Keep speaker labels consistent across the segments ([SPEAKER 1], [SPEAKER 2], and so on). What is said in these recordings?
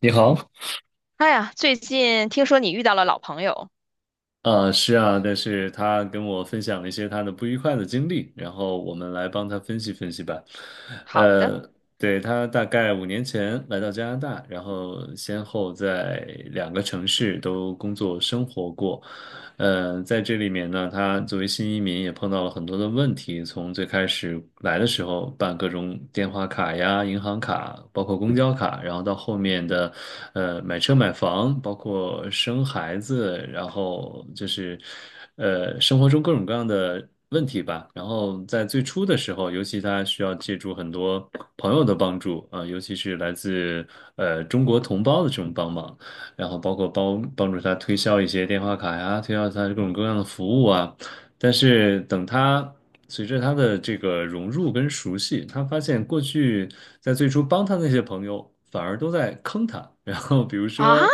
[SPEAKER 1] 你好，
[SPEAKER 2] 哎呀，最近听说你遇到了老朋友。
[SPEAKER 1] 是啊，但是他跟我分享了一些他的不愉快的经历，然后我们来帮他分析分析吧。
[SPEAKER 2] 好的。
[SPEAKER 1] 呃，对，他大概五年前来到加拿大，然后先后在两个城市都工作生活过。在这里面呢，他作为新移民也碰到了很多的问题。从最开始来的时候办各种电话卡呀、银行卡，包括公交卡，然后到后面的，买车买房，包括生孩子，然后就是，生活中各种各样的问题吧。然后在最初的时候，尤其他需要借助很多朋友的帮助啊，尤其是来自中国同胞的这种帮忙。然后包括帮助他推销一些电话卡呀，推销他各种各样的服务啊。但是等他随着他的这个融入跟熟悉，他发现过去在最初帮他那些朋友反而都在坑他。然后比如
[SPEAKER 2] 啊，
[SPEAKER 1] 说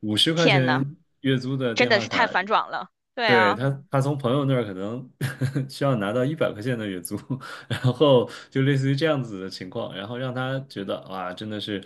[SPEAKER 1] 五十块
[SPEAKER 2] 天
[SPEAKER 1] 钱
[SPEAKER 2] 呐，
[SPEAKER 1] 月租的
[SPEAKER 2] 真
[SPEAKER 1] 电
[SPEAKER 2] 的
[SPEAKER 1] 话
[SPEAKER 2] 是
[SPEAKER 1] 卡，
[SPEAKER 2] 太反转了。对
[SPEAKER 1] 对，
[SPEAKER 2] 啊，
[SPEAKER 1] 他从朋友那儿可能 需要拿到一百块钱的月租，然后就类似于这样子的情况，然后让他觉得哇，真的是，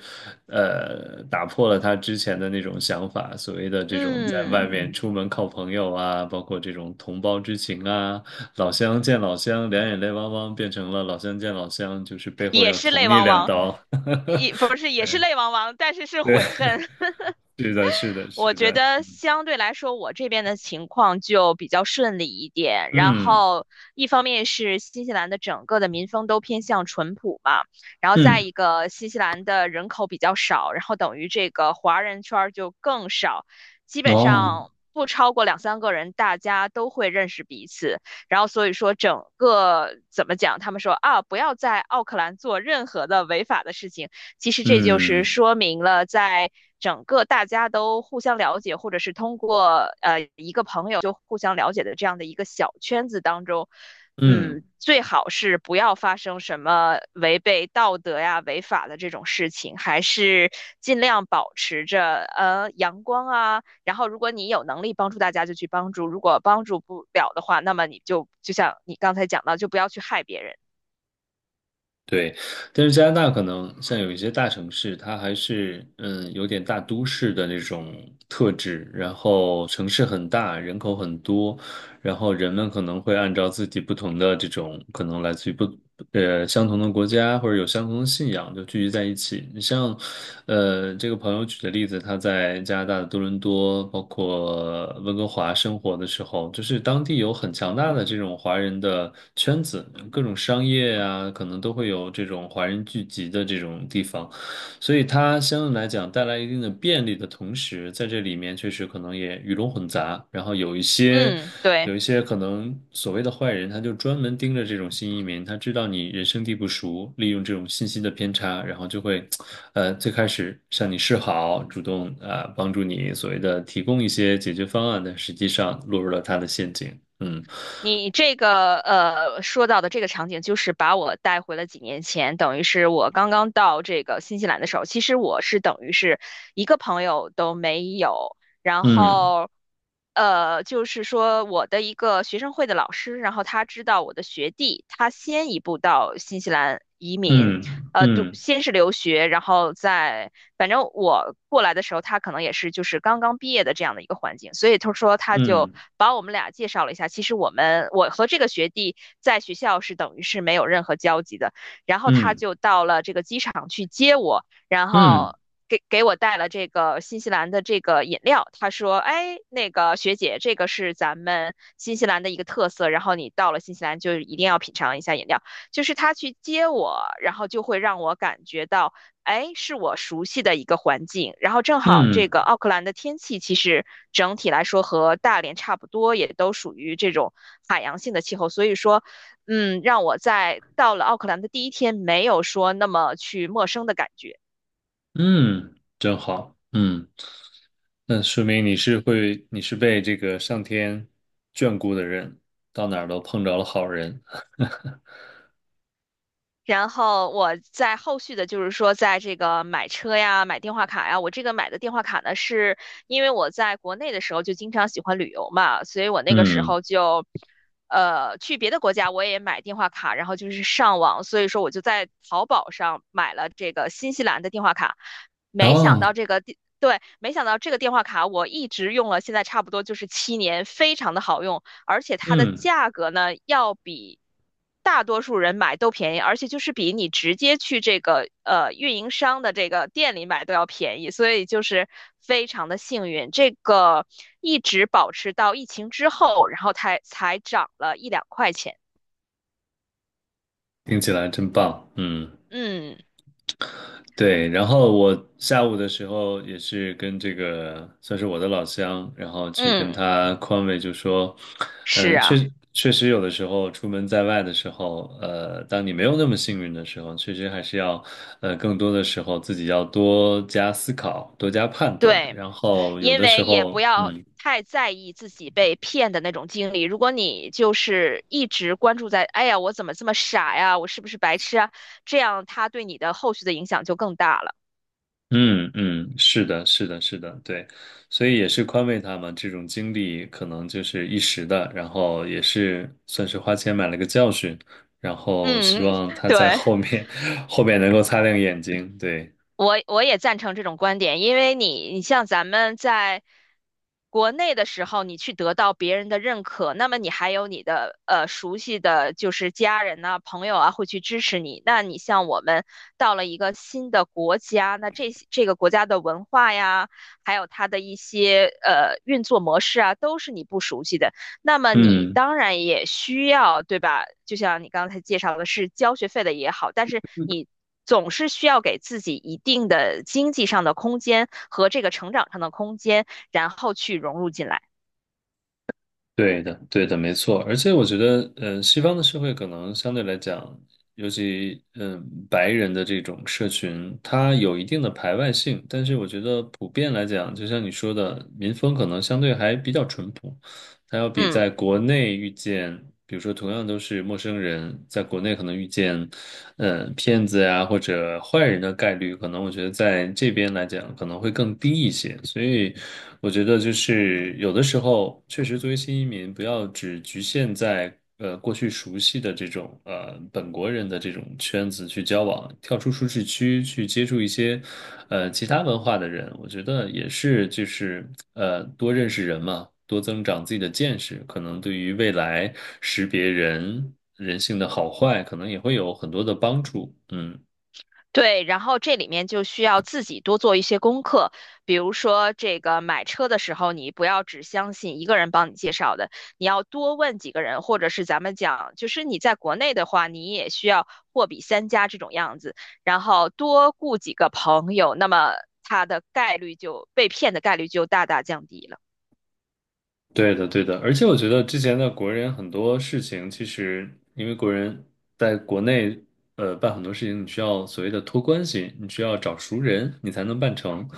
[SPEAKER 1] 打破了他之前的那种想法，所谓的这种在
[SPEAKER 2] 嗯，
[SPEAKER 1] 外面出门靠朋友啊，包括这种同胞之情啊，老乡见老乡，两眼泪汪汪，变成了老乡见老乡，就是背后
[SPEAKER 2] 也
[SPEAKER 1] 要
[SPEAKER 2] 是
[SPEAKER 1] 捅
[SPEAKER 2] 泪
[SPEAKER 1] 你
[SPEAKER 2] 汪
[SPEAKER 1] 两
[SPEAKER 2] 汪，
[SPEAKER 1] 刀。
[SPEAKER 2] 也不是也是
[SPEAKER 1] 对
[SPEAKER 2] 泪汪汪，但是是
[SPEAKER 1] 对，
[SPEAKER 2] 悔恨。
[SPEAKER 1] 是的，是的，
[SPEAKER 2] 我
[SPEAKER 1] 是
[SPEAKER 2] 觉
[SPEAKER 1] 的，
[SPEAKER 2] 得相对来说，我这边的情况就比较顺利一点。然
[SPEAKER 1] 嗯
[SPEAKER 2] 后，一方面是新西兰的整个的民风都偏向淳朴嘛，然后再
[SPEAKER 1] 嗯，
[SPEAKER 2] 一个新西兰的人口比较少，然后等于这个华人圈儿就更少，基本
[SPEAKER 1] 哦，
[SPEAKER 2] 上不超过两三个人，大家都会认识彼此。然后所以说整个怎么讲，他们说啊，不要在奥克兰做任何的违法的事情。其实这就是
[SPEAKER 1] 嗯
[SPEAKER 2] 说明了，在整个大家都互相了解，或者是通过一个朋友就互相了解的这样的一个小圈子当中，
[SPEAKER 1] 嗯。
[SPEAKER 2] 嗯，最好是不要发生什么违背道德呀、违法的这种事情，还是尽量保持着阳光啊。然后，如果你有能力帮助大家，就去帮助；如果帮助不了的话，那么你就像你刚才讲到，就不要去害别人。
[SPEAKER 1] 对，但是加拿大可能像有一些大城市，它还是嗯有点大都市的那种特质，然后城市很大，人口很多，然后人们可能会按照自己不同的这种，可能来自于不呃相同的国家或者有相同的信仰，就聚集在一起。你像，这个朋友举的例子，他在加拿大的多伦多，包括温哥华生活的时候，就是当地有很强大的这种华人的圈子，各种商业啊，可能都会有这种华人聚集的这种地方。所以它相对来讲带来一定的便利的同时，在这里面确实可能也鱼龙混杂，然后
[SPEAKER 2] 嗯，对。
[SPEAKER 1] 有一些可能所谓的坏人，他就专门盯着这种新移民，他知道你人生地不熟，利用这种信息的偏差，然后就会，最开始向你示好，主动啊，帮助你所谓的提供一些解决方案，但实际上落入了他的陷阱。嗯
[SPEAKER 2] 你这个说到的这个场景，就是把我带回了几年前，等于是我刚刚到这个新西兰的时候。其实我是等于是一个朋友都没有，然
[SPEAKER 1] 嗯
[SPEAKER 2] 后就是说我的一个学生会的老师，然后他知道我的学弟，他先一步到新西兰移民，
[SPEAKER 1] 嗯
[SPEAKER 2] 读
[SPEAKER 1] 嗯
[SPEAKER 2] 先是留学，然后再反正我过来的时候，他可能也是就是刚刚毕业的这样的一个环境，所以他说他就
[SPEAKER 1] 嗯
[SPEAKER 2] 把我们俩介绍了一下。其实我和这个学弟在学校是等于是没有任何交集的，然后他
[SPEAKER 1] 嗯
[SPEAKER 2] 就到了这个机场去接我，然
[SPEAKER 1] 嗯
[SPEAKER 2] 后。给我带了这个新西兰的这个饮料，他说：“哎，那个学姐，这个是咱们新西兰的一个特色，然后你到了新西兰就一定要品尝一下饮料。”就是他去接我，然后就会让我感觉到，哎，是我熟悉的一个环境。然后正好这
[SPEAKER 1] 嗯
[SPEAKER 2] 个奥克兰的天气其实整体来说和大连差不多，也都属于这种海洋性的气候，所以说，嗯，让我在到了奥克兰的第一天没有说那么去陌生的感觉。
[SPEAKER 1] 嗯，嗯真好。嗯。那说明你是会，你是被这个上天眷顾的人，到哪儿都碰着了好人。
[SPEAKER 2] 然后我在后续的，就是说，在这个买车呀、买电话卡呀，我这个买的电话卡呢，是因为我在国内的时候就经常喜欢旅游嘛，所以我那个时
[SPEAKER 1] 嗯，
[SPEAKER 2] 候就，去别的国家我也买电话卡，然后就是上网，所以说我就在淘宝上买了这个新西兰的电话卡，没想
[SPEAKER 1] 哦，
[SPEAKER 2] 到这个电，对，没想到这个电话卡我一直用了，现在差不多就是七年，非常的好用，而且它的
[SPEAKER 1] 嗯，
[SPEAKER 2] 价格呢，要比大多数人买都便宜，而且就是比你直接去这个运营商的这个店里买都要便宜，所以就是非常的幸运。这个一直保持到疫情之后，然后才涨了一两块钱。
[SPEAKER 1] 听起来真棒。嗯。
[SPEAKER 2] 嗯
[SPEAKER 1] 对，然后我下午的时候也是跟这个算是我的老乡，然后去跟
[SPEAKER 2] 嗯，
[SPEAKER 1] 他宽慰，就说，
[SPEAKER 2] 是
[SPEAKER 1] 嗯，
[SPEAKER 2] 啊，
[SPEAKER 1] 确实有的时候出门在外的时候，当你没有那么幸运的时候，确实还是要，更多的时候自己要多加思考，多加判断，
[SPEAKER 2] 对，
[SPEAKER 1] 然后有
[SPEAKER 2] 因
[SPEAKER 1] 的时
[SPEAKER 2] 为也不
[SPEAKER 1] 候，
[SPEAKER 2] 要
[SPEAKER 1] 嗯。
[SPEAKER 2] 太在意自己被骗的那种经历。如果你就是一直关注在，哎呀，我怎么这么傻呀，我是不是白痴啊？这样他对你的后续的影响就更大了。
[SPEAKER 1] 嗯嗯，是的，是的，是的，对，所以也是宽慰他嘛。这种经历可能就是一时的，然后也是算是花钱买了个教训，然后希
[SPEAKER 2] 嗯，
[SPEAKER 1] 望 他
[SPEAKER 2] 对，
[SPEAKER 1] 在后面 后面能够擦亮眼睛。对，
[SPEAKER 2] 我也赞成这种观点，因为你像咱们在国内的时候，你去得到别人的认可，那么你还有你的熟悉的就是家人呐、朋友啊会去支持你。那你像我们到了一个新的国家，那这些这个国家的文化呀，还有它的一些运作模式啊，都是你不熟悉的。那么你
[SPEAKER 1] 嗯。
[SPEAKER 2] 当然也需要，对吧？就像你刚才介绍的是交学费的也好，但是你总是需要给自己一定的经济上的空间和这个成长上的空间，然后去融入进来。
[SPEAKER 1] 对的，对的，没错。而且我觉得，嗯、西方的社会可能相对来讲，尤其嗯、白人的这种社群，它有一定的排外性。但是我觉得普遍来讲，就像你说的，民风可能相对还比较淳朴。它要比
[SPEAKER 2] 嗯。
[SPEAKER 1] 在国内遇见，比如说同样都是陌生人，在国内可能遇见。嗯，骗子呀或者坏人的概率，可能我觉得在这边来讲可能会更低一些。所以我觉得就是有的时候，确实作为新移民，不要只局限在过去熟悉的这种本国人的这种圈子去交往，跳出舒适区去接触一些其他文化的人，我觉得也是就是多认识人嘛。多增长自己的见识，可能对于未来识别人性的好坏，可能也会有很多的帮助。嗯。
[SPEAKER 2] 对，然后这里面就需要自己多做一些功课，比如说这个买车的时候，你不要只相信一个人帮你介绍的，你要多问几个人，或者是咱们讲，就是你在国内的话，你也需要货比三家这种样子，然后多雇几个朋友，那么他的概率就被骗的概率就大大降低了。
[SPEAKER 1] 对的，对的，而且我觉得之前的国人很多事情，其实因为国人在国内，办很多事情，你需要所谓的托关系，你需要找熟人，你才能办成。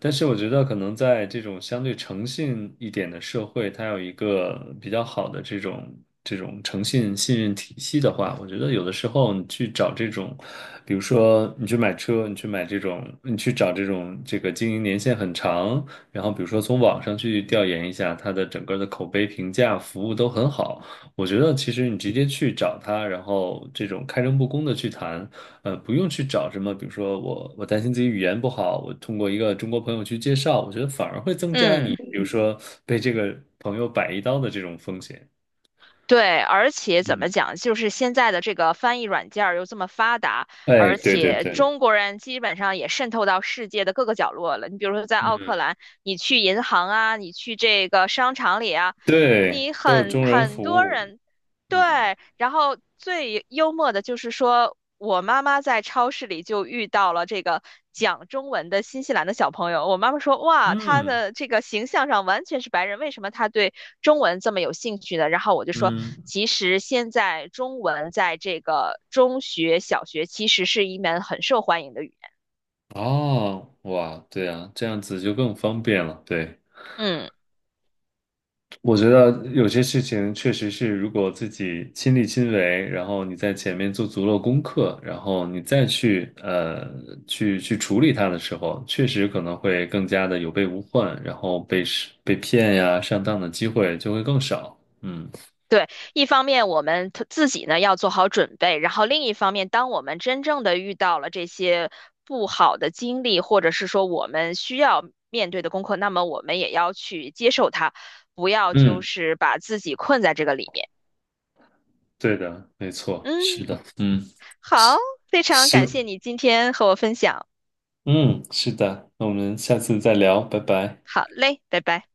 [SPEAKER 1] 但是我觉得可能在这种相对诚信一点的社会，它有一个比较好的这种诚信信任体系的话，我觉得有的时候你去找这种，比如说你去买车，你去买这种，你去找这种这个经营年限很长。然后比如说从网上去调研一下他的整个的口碑评价、服务都很好，我觉得其实你直接去找他，然后这种开诚布公的去谈，不用去找什么，比如说我担心自己语言不好，我通过一个中国朋友去介绍，我觉得反而会增加你，
[SPEAKER 2] 嗯。
[SPEAKER 1] 比如说被这个朋友摆一刀的这种风险。
[SPEAKER 2] 对，而且怎么
[SPEAKER 1] 嗯，
[SPEAKER 2] 讲，就是现在的这个翻译软件儿又这么发达，
[SPEAKER 1] 哎，
[SPEAKER 2] 而
[SPEAKER 1] 对对
[SPEAKER 2] 且
[SPEAKER 1] 对，
[SPEAKER 2] 中国人基本上也渗透到世界的各个角落了。你比如说在奥
[SPEAKER 1] 嗯，
[SPEAKER 2] 克兰，你去银行啊，你去这个商场里啊，
[SPEAKER 1] 对，都有中人
[SPEAKER 2] 很
[SPEAKER 1] 服
[SPEAKER 2] 多
[SPEAKER 1] 务，
[SPEAKER 2] 人
[SPEAKER 1] 嗯
[SPEAKER 2] 对，然后最幽默的就是说，我妈妈在超市里就遇到了这个讲中文的新西兰的小朋友。我妈妈说：“哇，他
[SPEAKER 1] 嗯
[SPEAKER 2] 的这个形象上完全是白人，为什么他对中文这么有兴趣呢？”然后我就说：
[SPEAKER 1] 嗯。
[SPEAKER 2] “其实现在中文在这个中学、小学其实是一门很受欢迎的语言。”
[SPEAKER 1] 哦，哇，对啊，这样子就更方便了。对，
[SPEAKER 2] 嗯。
[SPEAKER 1] 我觉得有些事情确实是，如果自己亲力亲为，然后你在前面做足了功课，然后你再去处理它的时候，确实可能会更加的有备无患，然后被骗呀、上当的机会就会更少。嗯
[SPEAKER 2] 对，一方面我们 自己呢要做好准备，然后另一方面，当我们真正的遇到了这些不好的经历，或者是说我们需要面对的功课，那么我们也要去接受它，不要就
[SPEAKER 1] 嗯，
[SPEAKER 2] 是把自己困在这个里面。
[SPEAKER 1] 对的，没错，是
[SPEAKER 2] 嗯，
[SPEAKER 1] 的，嗯，
[SPEAKER 2] 好，
[SPEAKER 1] 是，
[SPEAKER 2] 非常
[SPEAKER 1] 希
[SPEAKER 2] 感谢你今天和我分享。
[SPEAKER 1] 嗯，是的，那我们下次再聊，拜拜。
[SPEAKER 2] 好嘞，拜拜。